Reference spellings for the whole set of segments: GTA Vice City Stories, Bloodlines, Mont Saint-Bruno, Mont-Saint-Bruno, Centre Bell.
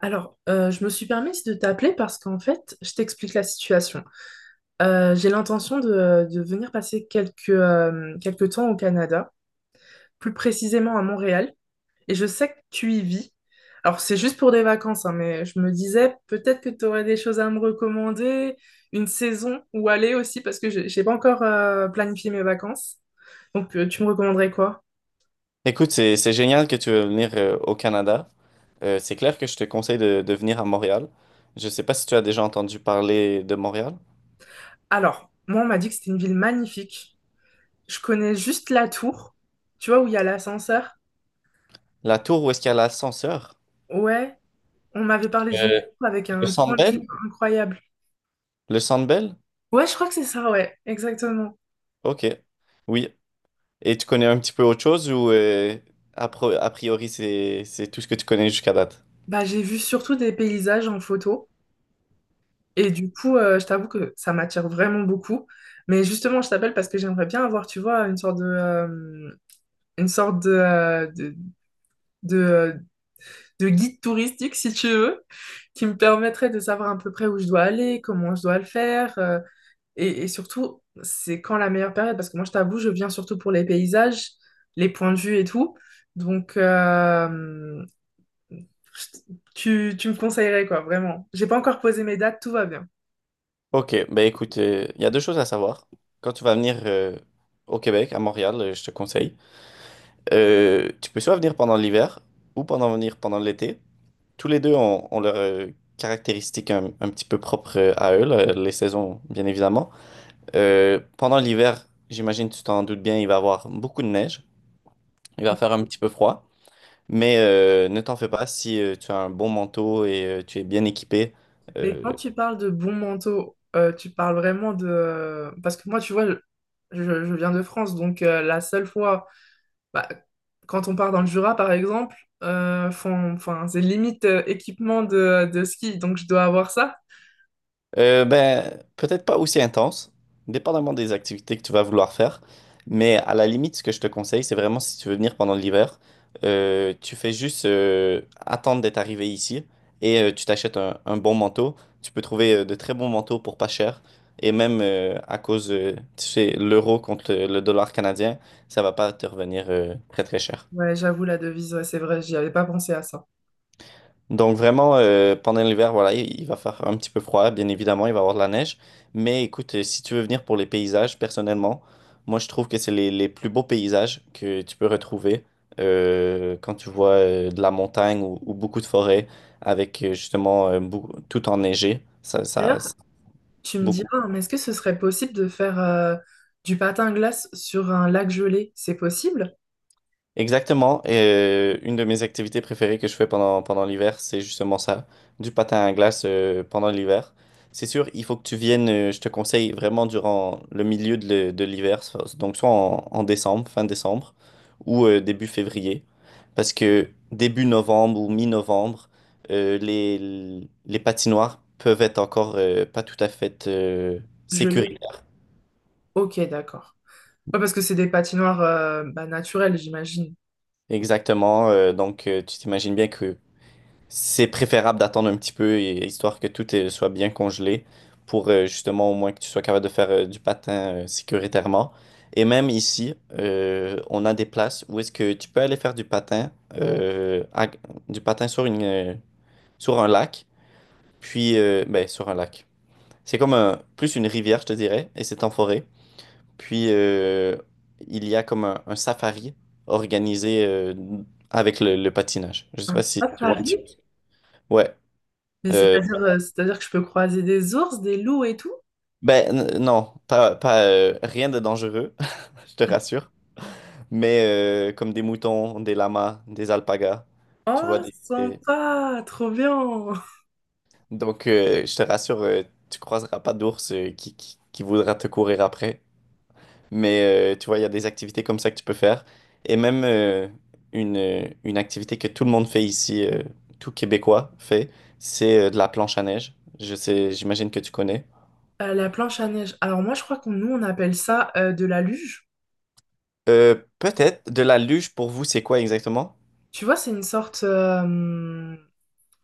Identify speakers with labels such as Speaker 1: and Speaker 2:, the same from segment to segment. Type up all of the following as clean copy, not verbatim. Speaker 1: Alors, je me suis permise de t'appeler parce qu'en fait, je t'explique la situation. J'ai l'intention de venir passer quelques, quelques temps au Canada, plus précisément à Montréal, et je sais que tu y vis. Alors, c'est juste pour des vacances, hein, mais je me disais peut-être que tu aurais des choses à me recommander, une saison où aller aussi, parce que j'ai pas encore planifié mes vacances. Donc, tu me recommanderais quoi?
Speaker 2: Écoute, c'est génial que tu veux venir au Canada. C'est clair que je te conseille de venir à Montréal. Je sais pas si tu as déjà entendu parler de Montréal.
Speaker 1: Alors, moi, on m'a dit que c'était une ville magnifique. Je connais juste la tour, tu vois, où il y a l'ascenseur.
Speaker 2: La tour où est-ce qu'il y a l'ascenseur?
Speaker 1: Ouais. On m'avait parlé du Louvre
Speaker 2: Euh,
Speaker 1: avec
Speaker 2: Le
Speaker 1: un
Speaker 2: Centre
Speaker 1: point de
Speaker 2: Bell?
Speaker 1: vue incroyable.
Speaker 2: Le Centre Bell?
Speaker 1: Ouais, je crois que c'est ça, ouais, exactement.
Speaker 2: Ok. Oui. Et tu connais un petit peu autre chose ou a priori c'est tout ce que tu connais jusqu'à date?
Speaker 1: Bah, j'ai vu surtout des paysages en photo. Et du coup, je t'avoue que ça m'attire vraiment beaucoup. Mais justement, je t'appelle parce que j'aimerais bien avoir, tu vois, une sorte de, de, de guide touristique, si tu veux, qui me permettrait de savoir à peu près où je dois aller, comment je dois le faire. Et surtout, c'est quand la meilleure période? Parce que moi, je t'avoue, je viens surtout pour les paysages, les points de vue et tout. Donc, je- tu me conseillerais, quoi, vraiment. J'ai pas encore posé mes dates, tout va bien.
Speaker 2: Ok, ben écoute, il y a deux choses à savoir. Quand tu vas venir au Québec, à Montréal, je te conseille. Tu peux soit venir pendant l'hiver ou pendant venir pendant l'été. Tous les deux ont leurs caractéristiques un petit peu propres à eux, là, les saisons, bien évidemment. Pendant l'hiver, j'imagine, tu t'en doutes bien, il va avoir beaucoup de neige. Il va faire un petit peu froid. Mais ne t'en fais pas si tu as un bon manteau et tu es bien équipé.
Speaker 1: Mais
Speaker 2: euh,
Speaker 1: quand tu parles de bons manteaux, tu parles vraiment de... Parce que moi, tu vois, je viens de France, donc la seule fois, bah, quand on part dans le Jura, par exemple, enfin, c'est limite équipement de ski, donc je dois avoir ça.
Speaker 2: ben, peut-être pas aussi intense, dépendamment des activités que tu vas vouloir faire. Mais à la limite, ce que je te conseille, c'est vraiment si tu veux venir pendant l'hiver, tu fais juste attendre d'être arrivé ici et tu t'achètes un bon manteau. Tu peux trouver de très bons manteaux pour pas cher. Et même à cause, tu sais, l'euro contre le dollar canadien, ça va pas te revenir très très cher.
Speaker 1: Ouais, j'avoue, la devise, ouais, c'est vrai, j'y avais pas pensé à ça.
Speaker 2: Donc vraiment, pendant l'hiver, voilà, il va faire un petit peu froid, bien évidemment, il va y avoir de la neige. Mais écoute, si tu veux venir pour les paysages, personnellement, moi je trouve que c'est les plus beaux paysages que tu peux retrouver quand tu vois de la montagne ou beaucoup de forêts avec justement tout enneigé.
Speaker 1: D'ailleurs, tu me
Speaker 2: Beaucoup.
Speaker 1: diras, hein, mais est-ce que ce serait possible de faire du patin à glace sur un lac gelé? C'est possible?
Speaker 2: Exactement. Et une de mes activités préférées que je fais pendant l'hiver, c'est justement ça, du patin à glace pendant l'hiver. C'est sûr, il faut que tu viennes, je te conseille vraiment durant le milieu de l'hiver, donc soit en décembre, fin décembre, ou début février. Parce que début novembre ou mi-novembre, les patinoires peuvent être encore pas tout à fait
Speaker 1: Gelé?
Speaker 2: sécuritaires.
Speaker 1: Ok, d'accord. Ouais, parce que c'est des patinoires bah, naturelles, j'imagine.
Speaker 2: Exactement. Donc, tu t'imagines bien que c'est préférable d'attendre un petit peu, histoire que tout soit bien congelé, pour justement au moins que tu sois capable de faire du patin sécuritairement. Et même ici, on a des places où est-ce que tu peux aller faire du patin, du patin sur un lac, puis ben, sur un lac. C'est comme plus une rivière, je te dirais, et c'est en forêt. Puis il y a comme un safari organisé avec le patinage. Je sais
Speaker 1: Hein,
Speaker 2: pas
Speaker 1: c'est
Speaker 2: si
Speaker 1: pas
Speaker 2: tu vois un petit
Speaker 1: Paris,
Speaker 2: peu. Ouais.
Speaker 1: mais
Speaker 2: euh,
Speaker 1: c'est-à-dire que je peux croiser des ours, des loups et tout?
Speaker 2: Ben non, pas rien de dangereux, je te rassure. Mais comme des moutons, des lamas, des alpagas, tu vois.
Speaker 1: Oh, sympa, trop bien.
Speaker 2: Donc je te rassure, tu croiseras pas d'ours qui voudra te courir après. Mais tu vois, il y a des activités comme ça que tu peux faire. Et même une activité que tout le monde fait ici, tout Québécois fait, c'est de la planche à neige. Je sais, j'imagine que tu connais.
Speaker 1: La planche à neige. Alors moi, je crois qu'on nous, on appelle ça de la luge.
Speaker 2: Peut-être de la luge pour vous, c'est quoi exactement?
Speaker 1: Tu vois, c'est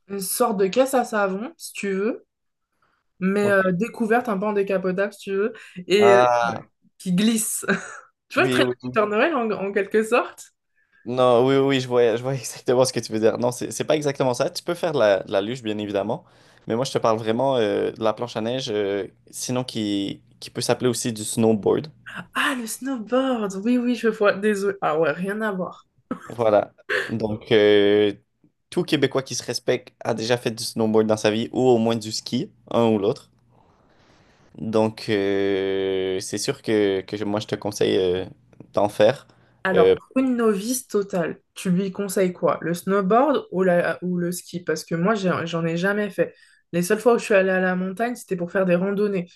Speaker 1: une sorte de caisse à savon, si tu veux, mais découverte, un peu en décapotable, si tu veux, et
Speaker 2: Ah,
Speaker 1: qui glisse. Tu vois le
Speaker 2: oui,
Speaker 1: traîneau
Speaker 2: oui.
Speaker 1: du
Speaker 2: Oui.
Speaker 1: Père Noël, en, en quelque sorte?
Speaker 2: Non, oui, oui, je vois exactement ce que tu veux dire. Non, c'est pas exactement ça. Tu peux faire de la luge, bien évidemment, mais moi, je te parle vraiment de la planche à neige, sinon qui peut s'appeler aussi du snowboard.
Speaker 1: Ah, le snowboard! Oui, oui, je vois. Désolé. Ah ouais, rien à voir.
Speaker 2: Voilà. Donc, tout Québécois qui se respecte a déjà fait du snowboard dans sa vie, ou au moins du ski, un ou l'autre. Donc, c'est sûr que moi, je te conseille d'en faire.
Speaker 1: Alors,
Speaker 2: Euh,
Speaker 1: pour une novice totale, tu lui conseilles quoi? Le snowboard ou, ou le ski? Parce que moi, j'en ai jamais fait. Les seules fois où je suis allée à la montagne, c'était pour faire des randonnées.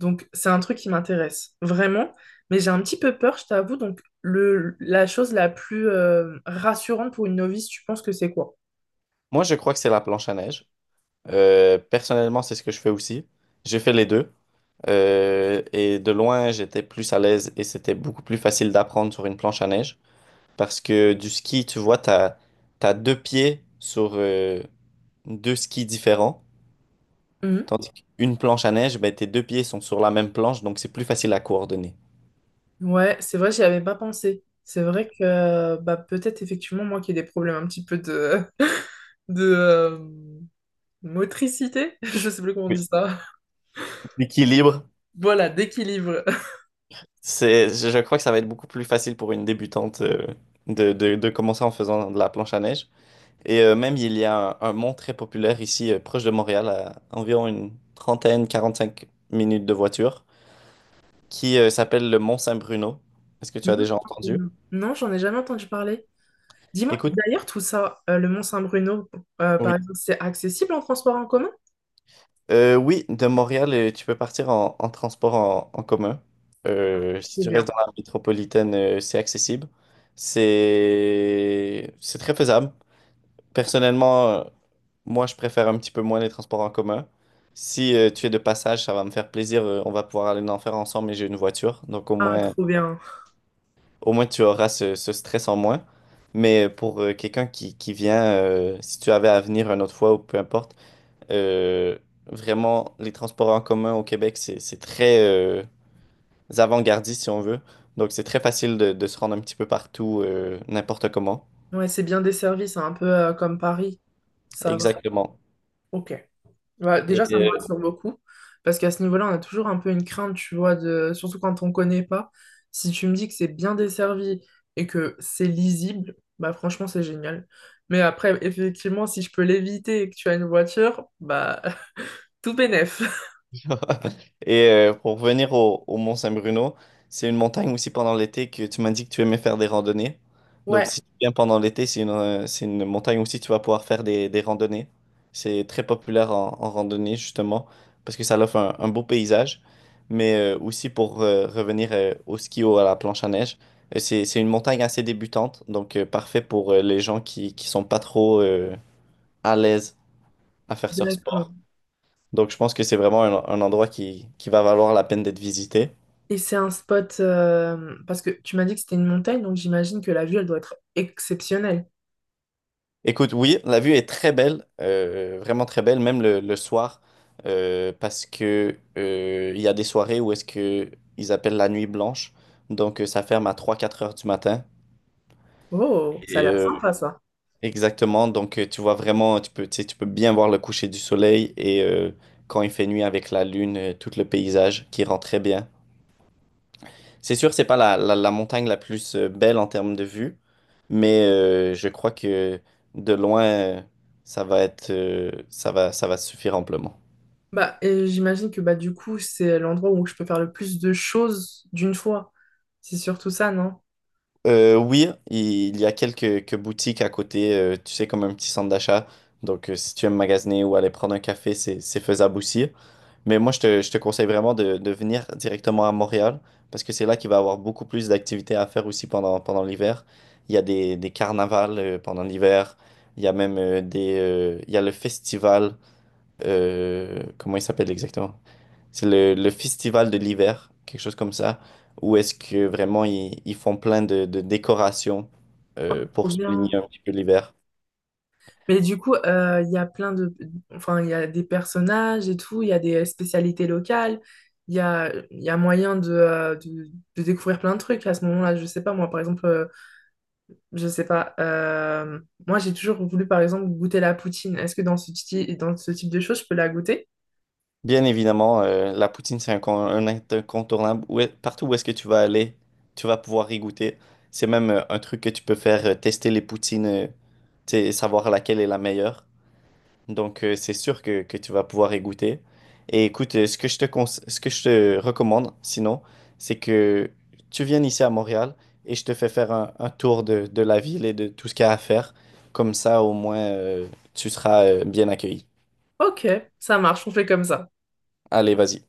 Speaker 1: Donc, c'est un truc qui m'intéresse vraiment. Mais j'ai un petit peu peur, je t'avoue. Donc, la chose la plus rassurante pour une novice, tu penses que c'est quoi?
Speaker 2: moi, je crois que c'est la planche à neige. Personnellement, c'est ce que je fais aussi. J'ai fait les deux. Et de loin, j'étais plus à l'aise et c'était beaucoup plus facile d'apprendre sur une planche à neige. Parce que du ski, tu vois, t'as deux pieds sur deux skis différents.
Speaker 1: Mhm.
Speaker 2: Tandis qu'une planche à neige, ben, tes deux pieds sont sur la même planche, donc c'est plus facile à coordonner.
Speaker 1: Ouais, c'est vrai, j'y avais pas pensé. C'est vrai que bah, peut-être effectivement moi qui ai des problèmes un petit peu de, de motricité, je sais plus comment on
Speaker 2: Oui.
Speaker 1: dit ça.
Speaker 2: L'équilibre,
Speaker 1: Voilà, d'équilibre.
Speaker 2: c'est, je crois que ça va être beaucoup plus facile pour une débutante de commencer en faisant de la planche à neige. Et même, il y a un mont très populaire ici, proche de Montréal, à environ une trentaine, 45 minutes de voiture, qui s'appelle le Mont Saint-Bruno. Est-ce que tu as déjà entendu?
Speaker 1: Mhm. Non, j'en ai jamais entendu parler. Dis-moi,
Speaker 2: Écoute,
Speaker 1: d'ailleurs, tout ça, le Mont-Saint-Bruno, par
Speaker 2: oui.
Speaker 1: exemple, c'est accessible en transport en commun?
Speaker 2: Oui, de Montréal, tu peux partir en transport en commun. Si
Speaker 1: Trop
Speaker 2: tu
Speaker 1: bien.
Speaker 2: restes dans la métropolitaine, c'est accessible. C'est très faisable. Personnellement, moi, je préfère un petit peu moins les transports en commun. Si tu es de passage, ça va me faire plaisir. On va pouvoir aller en faire ensemble et j'ai une voiture. Donc au
Speaker 1: Ah,
Speaker 2: moins,
Speaker 1: trop bien.
Speaker 2: au moins tu auras ce stress en moins. Mais pour quelqu'un qui vient, si tu avais à venir une autre fois ou peu importe, euh, vraiment, les transports en commun au Québec, c'est très avant-gardiste si on veut. Donc c'est très facile de se rendre un petit peu partout, n'importe comment.
Speaker 1: Ouais, c'est bien desservi, c'est un peu comme Paris. Ça va.
Speaker 2: Exactement.
Speaker 1: Ok. Bah,
Speaker 2: Et
Speaker 1: déjà, ça me
Speaker 2: euh,
Speaker 1: rassure beaucoup, parce qu'à ce niveau-là, on a toujours un peu une crainte, tu vois, de... surtout quand on connaît pas. Si tu me dis que c'est bien desservi et que c'est lisible, bah franchement, c'est génial. Mais après, effectivement, si je peux l'éviter et que tu as une voiture, bah tout bénef.
Speaker 2: Et pour revenir au Mont Saint-Bruno, c'est une montagne aussi pendant l'été que tu m'as dit que tu aimais faire des randonnées. Donc
Speaker 1: Ouais,
Speaker 2: si tu viens pendant l'été, c'est une montagne aussi que tu vas pouvoir faire des randonnées. C'est très populaire en randonnée justement parce que ça offre un beau paysage. Mais aussi pour revenir au ski ou à la planche à neige, c'est une montagne assez débutante, donc parfait pour les gens qui sont pas trop à l'aise à faire ce
Speaker 1: d'accord.
Speaker 2: sport. Donc, je pense que c'est vraiment un endroit qui va valoir la peine d'être visité.
Speaker 1: Et c'est un spot, parce que tu m'as dit que c'était une montagne, donc j'imagine que la vue, elle doit être exceptionnelle.
Speaker 2: Écoute, oui, la vue est très belle, vraiment très belle, même le soir, parce que il y a des soirées où est-ce que ils appellent la nuit blanche. Donc, ça ferme à 3 ou 4 heures du matin.
Speaker 1: Oh, ça a
Speaker 2: Et,
Speaker 1: l'air sympa ça.
Speaker 2: exactement. Donc, tu vois vraiment, tu peux, tu sais, tu peux bien voir le coucher du soleil et quand il fait nuit avec la lune, tout le paysage qui rend très bien. C'est sûr, c'est pas la montagne la plus belle en termes de vue, mais je crois que de loin, ça va être, ça va suffire amplement.
Speaker 1: Bah, et j'imagine que bah du coup, c'est l'endroit où je peux faire le plus de choses d'une fois. C'est surtout ça, non?
Speaker 2: Oui, il y a quelques boutiques à côté, tu sais, comme un petit centre d'achat. Donc, si tu aimes magasiner ou aller prendre un café, c'est faisable aussi. Mais moi, je te conseille vraiment de venir directement à Montréal parce que c'est là qu'il va y avoir beaucoup plus d'activités à faire aussi pendant l'hiver. Il y a des carnavals pendant l'hiver. Il y a même des, il y a le festival. Comment il s'appelle exactement? C'est le festival de l'hiver, quelque chose comme ça, où est-ce que vraiment ils font plein de décorations pour
Speaker 1: Trop
Speaker 2: souligner
Speaker 1: bien.
Speaker 2: un petit peu l'hiver.
Speaker 1: Mais du coup, il y a plein de... Enfin, il y a des personnages et tout, il y a des spécialités locales, il y a moyen de, de découvrir plein de trucs à ce moment-là. Je sais pas, moi, par exemple, je sais pas. Moi, j'ai toujours voulu, par exemple, goûter la poutine. Est-ce que dans dans ce type de choses, je peux la goûter?
Speaker 2: Bien évidemment, la poutine, c'est un incontournable. Partout où est-ce que tu vas aller, tu vas pouvoir y goûter. C'est même un truc que tu peux faire, tester les poutines, tu sais, savoir laquelle est la meilleure. Donc, c'est sûr que tu vas pouvoir y goûter. Et écoute, ce que je te recommande, sinon, c'est que tu viennes ici à Montréal et je te fais faire un tour de la ville et de tout ce qu'il y a à faire. Comme ça, au moins, tu seras, bien accueilli.
Speaker 1: Ok, ça marche, on fait comme ça.
Speaker 2: Allez, vas-y.